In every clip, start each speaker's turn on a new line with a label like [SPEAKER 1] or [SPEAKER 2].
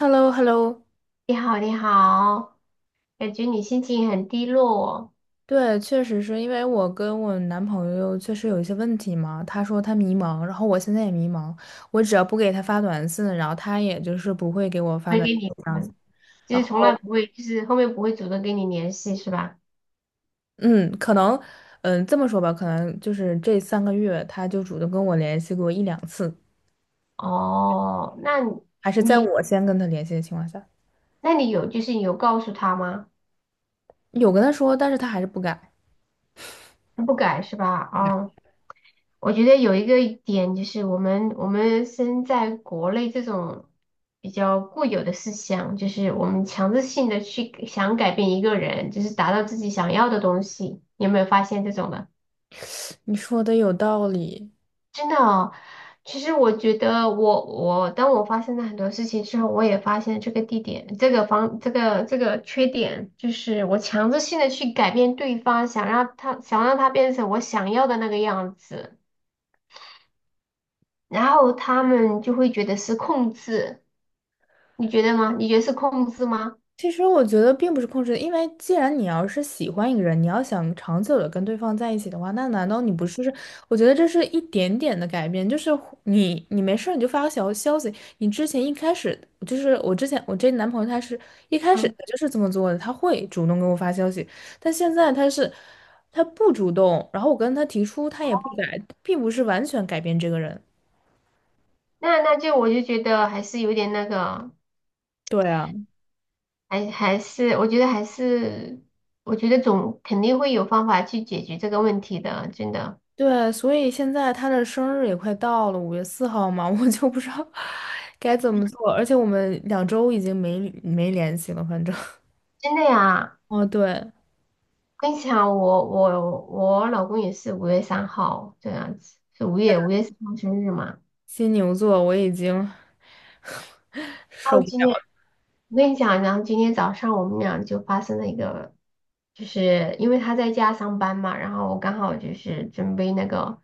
[SPEAKER 1] h e l l o h e l l o
[SPEAKER 2] 你好，你好，感觉你心情很低落。
[SPEAKER 1] 对，确实是因为我跟我男朋友确实有一些问题嘛。他说他迷茫，然后我现在也迷茫。我只要不给他发短信，然后他也就是不会给我
[SPEAKER 2] 不
[SPEAKER 1] 发
[SPEAKER 2] 会
[SPEAKER 1] 短
[SPEAKER 2] 跟
[SPEAKER 1] 信
[SPEAKER 2] 你，
[SPEAKER 1] 这样子。
[SPEAKER 2] 嗯，就
[SPEAKER 1] 然
[SPEAKER 2] 是
[SPEAKER 1] 后，
[SPEAKER 2] 从来不会，就是后面不会主动跟你联系，是吧？
[SPEAKER 1] 嗯，可能，这么说吧，可能就是这3个月他就主动跟我联系过一两次，
[SPEAKER 2] 哦，
[SPEAKER 1] 还是在
[SPEAKER 2] 你，
[SPEAKER 1] 我先跟他联系的情况下，
[SPEAKER 2] 那你有，就是你有告诉他吗？
[SPEAKER 1] 有跟他说，但是他还是不改。
[SPEAKER 2] 他不改是吧？哦，我觉得有一个点就是我们身在国内这种比较固有的思想，就是我们强制性的去想改变一个人，就是达到自己想要的东西，你有没有发现这种的？
[SPEAKER 1] 你说的有道理，
[SPEAKER 2] 真的哦，其实我觉得我当我发现了很多事情之后，我也发现这个地点、这个方、这个这个缺点，就是我强制性的去改变对方，想让他变成我想要的那个样子，然后他们就会觉得是控制，你觉得吗？你觉得是控制吗？
[SPEAKER 1] 其实我觉得并不是控制，因为既然你要是喜欢一个人，你要想长久的跟对方在一起的话，那难道你不是？我觉得这是一点点的改变，就是你没事儿你就发个小消息，你之前一开始就是我之前我这男朋友他是一开始
[SPEAKER 2] 嗯，
[SPEAKER 1] 就是这么做的，他会主动给我发消息，但现在他不主动，然后我跟他提出他也不改，并不是完全改变这个人。
[SPEAKER 2] 那就我就觉得还是有点那个，
[SPEAKER 1] 对啊。
[SPEAKER 2] 还我觉得还是我觉得总肯定会有方法去解决这个问题的，真的
[SPEAKER 1] 对，所以现在他的生日也快到了，5月4号嘛，我就不知道该怎么做。而且我们2周已经没联系了，反正。
[SPEAKER 2] 真的呀。
[SPEAKER 1] 哦，对，
[SPEAKER 2] 跟你讲，我老公也是五月三号这样子，是五月三号生日嘛。
[SPEAKER 1] 金牛座我已经
[SPEAKER 2] 然
[SPEAKER 1] 受
[SPEAKER 2] 后
[SPEAKER 1] 不
[SPEAKER 2] 今天
[SPEAKER 1] 了。
[SPEAKER 2] 我跟你讲，然后今天早上我们俩就发生了一个，就是因为他在家上班嘛，然后我刚好就是准备那个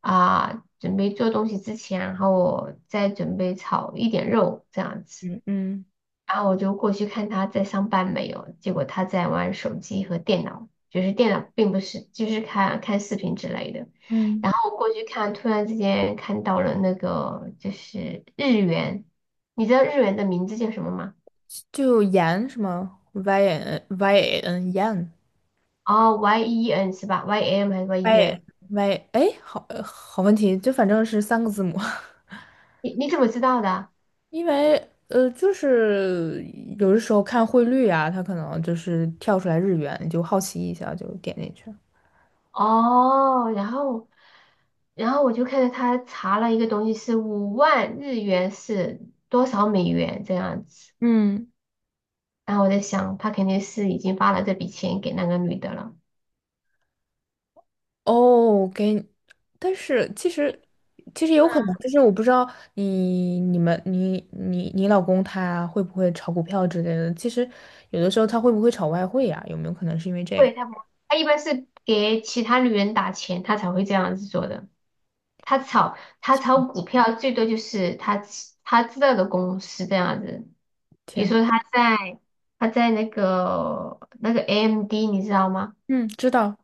[SPEAKER 2] 准备做东西之前，然后我再准备炒一点肉这样子。
[SPEAKER 1] 嗯嗯
[SPEAKER 2] 然后我就过去看他在上班没有，结果他在玩手机和电脑，就是电脑并不是，就是看看视频之类的。
[SPEAKER 1] 嗯，
[SPEAKER 2] 然后我过去看，突然之间看到了那个就是日元，你知道日元的名字叫什么吗？
[SPEAKER 1] 就盐什么 y n y n 盐
[SPEAKER 2] 哦，Y E N 是吧？Y M 还是 Y E
[SPEAKER 1] y
[SPEAKER 2] N？
[SPEAKER 1] y 哎，好好问题，就反正是3个字母。
[SPEAKER 2] 你怎么知道的？
[SPEAKER 1] 因为就是有的时候看汇率啊，它可能就是跳出来日元，你就好奇一下就点进去了。
[SPEAKER 2] 哦，然后我就看到他查了一个东西是50000日元是多少美元这样子。
[SPEAKER 1] 嗯，
[SPEAKER 2] 然后我在想，他肯定是已经发了这笔钱给那个女的了。
[SPEAKER 1] 哦，给，但是其实有可能，
[SPEAKER 2] 嗯，
[SPEAKER 1] 就是我不知道你你们你你你老公他会不会炒股票之类的，其实有的时候他会不会炒外汇呀、有没有可能是因为这
[SPEAKER 2] 会，
[SPEAKER 1] 个？
[SPEAKER 2] 他不，他一般是给其他女人打钱，他才会这样子做的。他炒股票最多就是他知道的公司这样子，比如
[SPEAKER 1] 天，
[SPEAKER 2] 说他在那个 AMD 你知道吗？
[SPEAKER 1] 嗯，知道。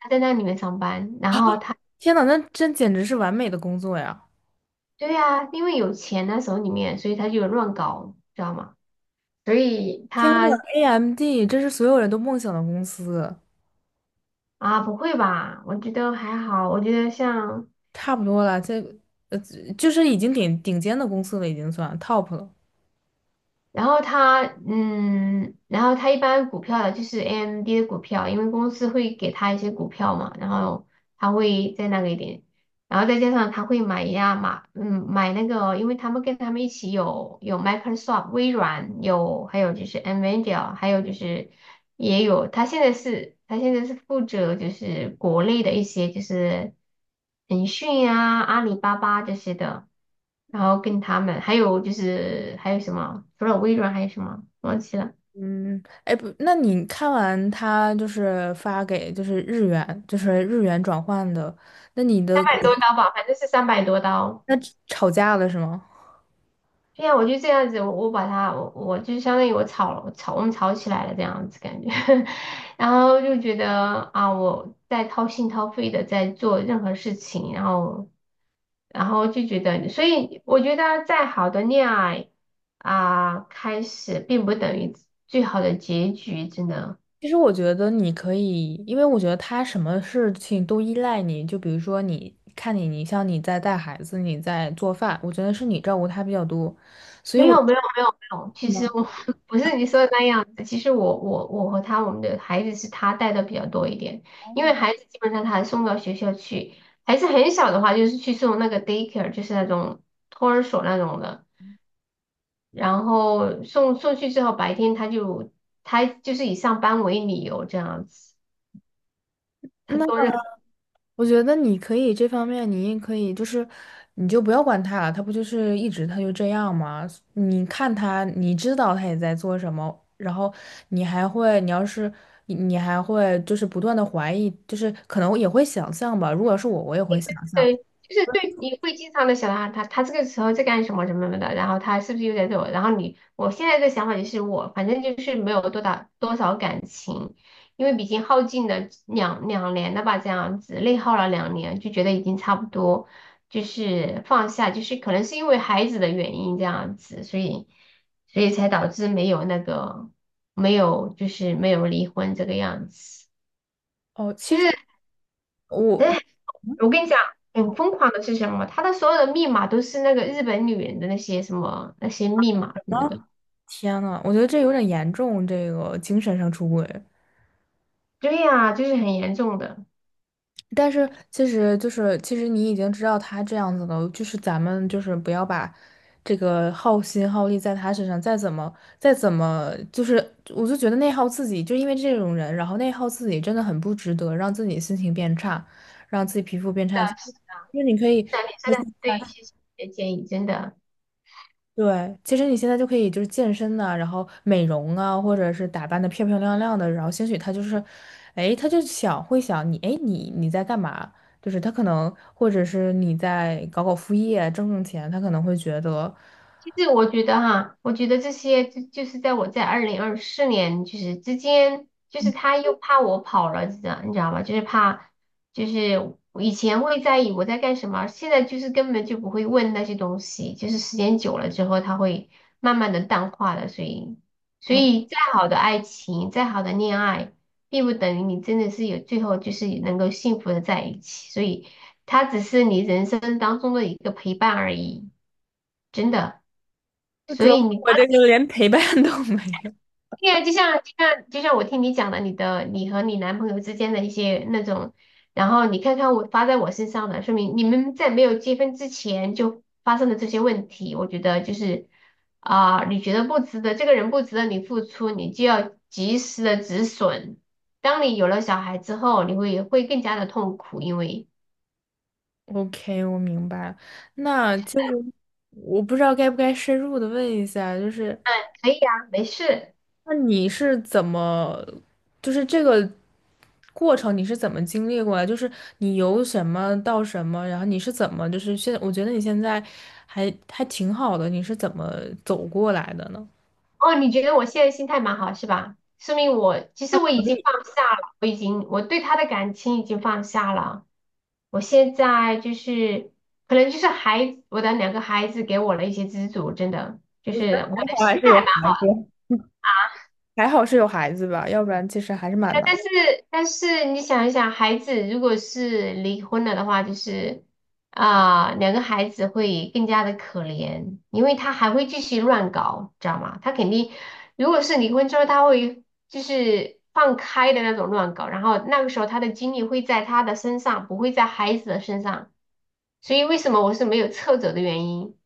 [SPEAKER 2] 他在那里面上班，然后他
[SPEAKER 1] 天呐，那真简直是完美的工作呀！
[SPEAKER 2] 对呀、因为有钱那手里面，所以他就乱搞，知道吗？所以
[SPEAKER 1] 天呐
[SPEAKER 2] 他
[SPEAKER 1] ，AMD，这是所有人都梦想的公司，
[SPEAKER 2] 啊，不会吧？我觉得还好，我觉得像，
[SPEAKER 1] 差不多了，这呃就是已经顶顶尖的公司了，已经算 top 了。
[SPEAKER 2] 然后他一般股票的就是 AMD 的股票，因为公司会给他一些股票嘛，然后他会在那个一点然后再加上他会买呀买，嗯，买那个，因为他们跟他们一起有 Microsoft 微软，有还有就是 NVIDIA，还有就是也有他现在是负责就是国内的一些就是腾讯啊、阿里巴巴这些的，然后跟他们还有就是还有什么，除了微软还有什么忘记了，
[SPEAKER 1] 嗯，哎不，那你看完他就是发给就是日元，就是日元转换的，那你
[SPEAKER 2] 三
[SPEAKER 1] 的
[SPEAKER 2] 百多刀吧，反正是三百多刀。
[SPEAKER 1] 那吵架了是吗？
[SPEAKER 2] 对呀，我就这样子，我把它，我就相当于我吵了，吵我们吵起来了这样子感觉，然后就觉得啊，我在掏心掏肺的在做任何事情，然后就觉得，所以我觉得再好的恋爱啊，开始并不等于最好的结局，真的。
[SPEAKER 1] 其实我觉得你可以，因为我觉得他什么事情都依赖你，就比如说你看你，你像你在带孩子，你在做饭，我觉得是你照顾他比较多。
[SPEAKER 2] 没有没有没有没有，其实
[SPEAKER 1] 那。
[SPEAKER 2] 我 不是你说的那样子。其实我我和他，我们的孩子是他带的比较多一点，因为孩子基本上他还送到学校去，孩子很小的话就是去送那个 daycare，就是那种托儿所那种的。然后送去之后，白天他就是以上班为理由这样子，他做任。
[SPEAKER 1] 我觉得你可以这方面，你也可以，就是你就不要管他了，他不就是一直他就这样吗？你看他，你知道他也在做什么，然后你还会，你还会就是不断的怀疑，就是可能也会想象吧。如果是我，我也会想象。
[SPEAKER 2] 对，就是对，你会经常的想到啊他，他这个时候在干什么什么什么的，然后他是不是又在对我？然后你，我现在的想法就是我，反正就是没有多大多少感情，因为毕竟耗尽了两年了吧，这样子内耗了两年，就觉得已经差不多，就是放下，就是可能是因为孩子的原因这样子，所以才导致没有那个没有就是没有离婚这个样子，
[SPEAKER 1] 哦，
[SPEAKER 2] 就
[SPEAKER 1] 其实
[SPEAKER 2] 是。
[SPEAKER 1] 我
[SPEAKER 2] 哎我跟你讲，很疯狂的是什么？他的所有的密码都是那个日本女人的那些什么那些密码什么的。
[SPEAKER 1] 啊，天呐，我觉得这有点严重，这个精神上出轨。
[SPEAKER 2] 对呀、就是很严重的。是
[SPEAKER 1] 但是其实就是，其实你已经知道他这样子了，就是咱们就是不要把这个耗心耗力在他身上，再怎么，就是我就觉得内耗自己，就因为这种人，然后内耗自己真的很不值得，让自己心情变差，让自己皮肤变
[SPEAKER 2] 的，
[SPEAKER 1] 差。就是你可以，
[SPEAKER 2] 是的，你真的很对，谢谢你的建议，真的。
[SPEAKER 1] 对，其实你现在就可以就是健身呐、然后美容啊，或者是打扮的漂漂亮亮的，然后兴许他就是，哎，他就想会想你，哎，你在干嘛？就是他可能，或者是你在搞搞副业挣挣钱，他可能会觉得，
[SPEAKER 2] 其实我觉得哈，我觉得这些就是在我在二零二四年就是之间，就是他又怕我跑了，你知道吧？就是怕，就是我以前会在意我在干什么，现在就是根本就不会问那些东西，就是时间久了之后，他会慢慢的淡化的。所以，
[SPEAKER 1] 啊，
[SPEAKER 2] 再好的爱情，再好的恋爱，并不等于你真的是有最后就是能够幸福的在一起，所以他只是你人生当中的一个陪伴而已，真的。
[SPEAKER 1] 就
[SPEAKER 2] 所
[SPEAKER 1] 主要
[SPEAKER 2] 以你
[SPEAKER 1] 我这个连陪伴都没有。
[SPEAKER 2] 对呀，就像就像我听你讲的，你的你和你男朋友之间的一些那种，然后你看看我发在我身上的，说明你们在没有结婚之前就发生了这些问题。我觉得就是啊、你觉得不值得，这个人不值得你付出，你就要及时的止损。当你有了小孩之后，会更加的痛苦，因为
[SPEAKER 1] OK，我明白了。那就是我不知道该不该深入的问一下，就是
[SPEAKER 2] 可以啊，没事。
[SPEAKER 1] 那你是怎么，就是这个过程你是怎么经历过来？就是你由什么到什么，然后你是怎么，就是现，我觉得你现在还挺好的，你是怎么走过来的呢？
[SPEAKER 2] 哦，你觉得我现在心态蛮好是吧？说明我其实我已经放下了，我已经我对他的感情已经放下了。我现在就是可能就是孩子，我的两个孩子给我了一些资助，真的就是我
[SPEAKER 1] 还
[SPEAKER 2] 的
[SPEAKER 1] 好还
[SPEAKER 2] 心
[SPEAKER 1] 是
[SPEAKER 2] 态
[SPEAKER 1] 有孩子。还好是有孩子吧，要不然其实还是蛮
[SPEAKER 2] 哎
[SPEAKER 1] 难的
[SPEAKER 2] 但是你想一想，孩子如果是离婚了的话，就是啊、两个孩子会更加的可怜，因为他还会继续乱搞，知道吗？他肯定，如果是离婚之后，他会就是放开的那种乱搞，然后那个时候他的精力会在他的身上，不会在孩子的身上，所以为什么我是没有撤走的原因。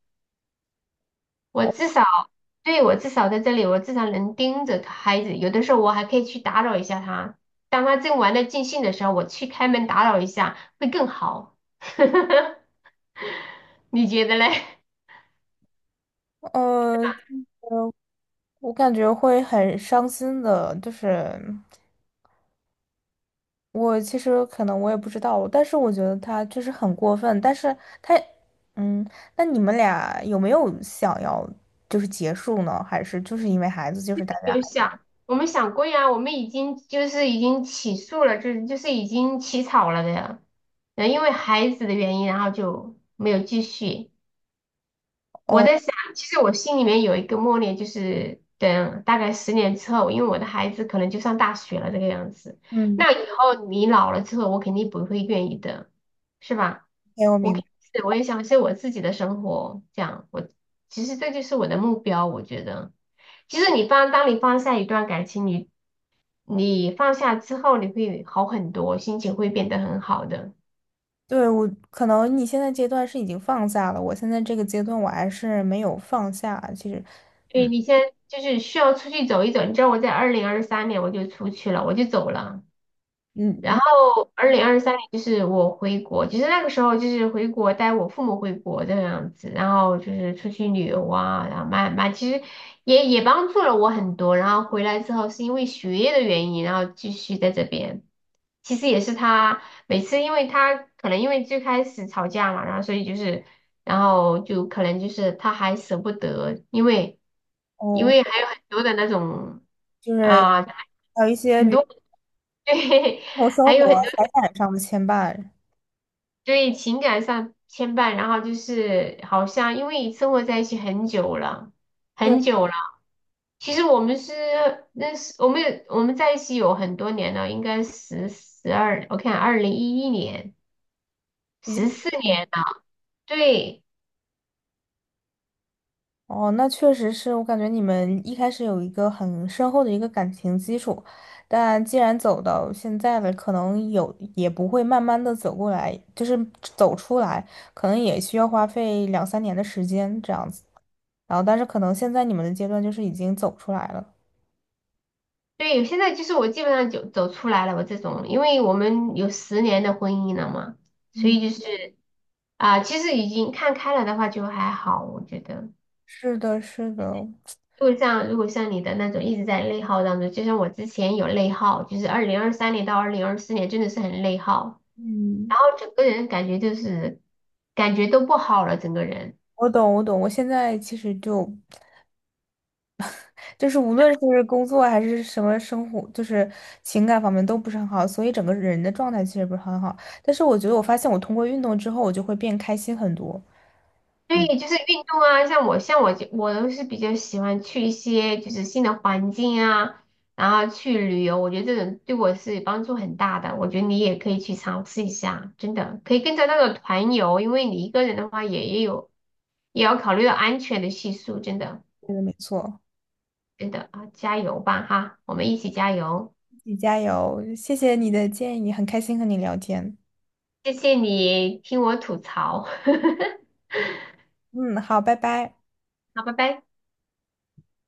[SPEAKER 2] 我至少，对，我至少在这里，我至少能盯着孩子。有的时候我还可以去打扰一下他，当他正玩的尽兴的时候，我去开门打扰一下，会更好。你觉得嘞？
[SPEAKER 1] 呃，我感觉会很伤心的，就是。我其实可能我也不知道，但是我觉得他就是很过分。但是他，嗯，那你们俩有没有想要就是结束呢？还是就是因为孩子，就是大 家
[SPEAKER 2] 有想，我们想过呀，我们已经就是已经起诉了，就是已经起草了的，然后因为孩子的原因，然后就没有继续。我
[SPEAKER 1] 哦，
[SPEAKER 2] 在想，其实我心里面有一个默念，就是等大概十年之后，因为我的孩子可能就上大学了这个样子。
[SPEAKER 1] 嗯，
[SPEAKER 2] 那以后你老了之后，我肯定不会愿意的，是吧？
[SPEAKER 1] 哎，我
[SPEAKER 2] 我
[SPEAKER 1] 明
[SPEAKER 2] 肯定
[SPEAKER 1] 白。
[SPEAKER 2] 是我也想是我自己的生活，这样我其实这就是我的目标，我觉得。其实你放，当你放下一段感情，你放下之后，你会好很多，心情会变得很好的。
[SPEAKER 1] 对，我可能你现在阶段是已经放下了，我现在这个阶段我还是没有放下。其实，
[SPEAKER 2] 对，
[SPEAKER 1] 嗯
[SPEAKER 2] 你先就是需要出去走一走。你知道我在二零二三年我就出去了，我就走了。
[SPEAKER 1] 嗯
[SPEAKER 2] 然
[SPEAKER 1] 嗯
[SPEAKER 2] 后二零二三年就是我回国，其实那个时候就是回国带我父母回国这样子，然后就是出去旅游啊，然后慢慢其实也帮助了我很多。然后回来之后是因为学业的原因，然后继续在这边。其实也是他每次，因为他可能因为最开始吵架嘛，然后所以就是，然后就可能就是他还舍不得，因为
[SPEAKER 1] 哦，
[SPEAKER 2] 还有很多的那种
[SPEAKER 1] 就是
[SPEAKER 2] 啊、
[SPEAKER 1] 还有一些
[SPEAKER 2] 很
[SPEAKER 1] 比如
[SPEAKER 2] 多 对，
[SPEAKER 1] 生活生
[SPEAKER 2] 还有
[SPEAKER 1] 活
[SPEAKER 2] 很。
[SPEAKER 1] 财产上的牵绊，
[SPEAKER 2] 对情感上牵绊，然后就是好像因为生活在一起很久了，
[SPEAKER 1] 对，
[SPEAKER 2] 很久了。其实我们是认识，我们有我们在一起有很多年了，应该十二，我看2011年，
[SPEAKER 1] 已经。
[SPEAKER 2] 14年了。对
[SPEAKER 1] 哦，那确实是我感觉你们一开始有一个很深厚的一个感情基础，但既然走到现在了，可能有也不会慢慢的走过来，就是走出来，可能也需要花费两三年的时间这样子。然后，但是可能现在你们的阶段就是已经走出来了。
[SPEAKER 2] 对，现在就是我基本上就走出来了，我这种，因为我们有十年的婚姻了嘛，所
[SPEAKER 1] 嗯，
[SPEAKER 2] 以就是啊、其实已经看开了的话就还好，我觉得。
[SPEAKER 1] 是的，是的，
[SPEAKER 2] 如果像你的那种一直在内耗当中，就像我之前有内耗，就是2023年到2024年真的是很内耗，
[SPEAKER 1] 嗯，
[SPEAKER 2] 然后整个人感觉就是感觉都不好了，整个人。
[SPEAKER 1] 我懂，我懂。我现在其实就是无论是工作还是什么生活，就是情感方面都不是很好，所以整个人的状态其实不是很好。但是我觉得我发现我通过运动之后，我就会变开心很多。嗯，
[SPEAKER 2] 对，就是运动啊，像我就我都是比较喜欢去一些就是新的环境啊，然后去旅游，我觉得这种对我是帮助很大的。我觉得你也可以去尝试一下，真的可以跟着那个团游，因为你一个人的话也有也要考虑到安全的系数，真的。
[SPEAKER 1] 对的，没错，
[SPEAKER 2] 真的啊，加油吧哈，我们一起加油！
[SPEAKER 1] 自己加油，谢谢你的建议，很开心和你聊天。
[SPEAKER 2] 谢谢你听我吐槽，
[SPEAKER 1] 嗯，好，拜拜。
[SPEAKER 2] 好，拜拜。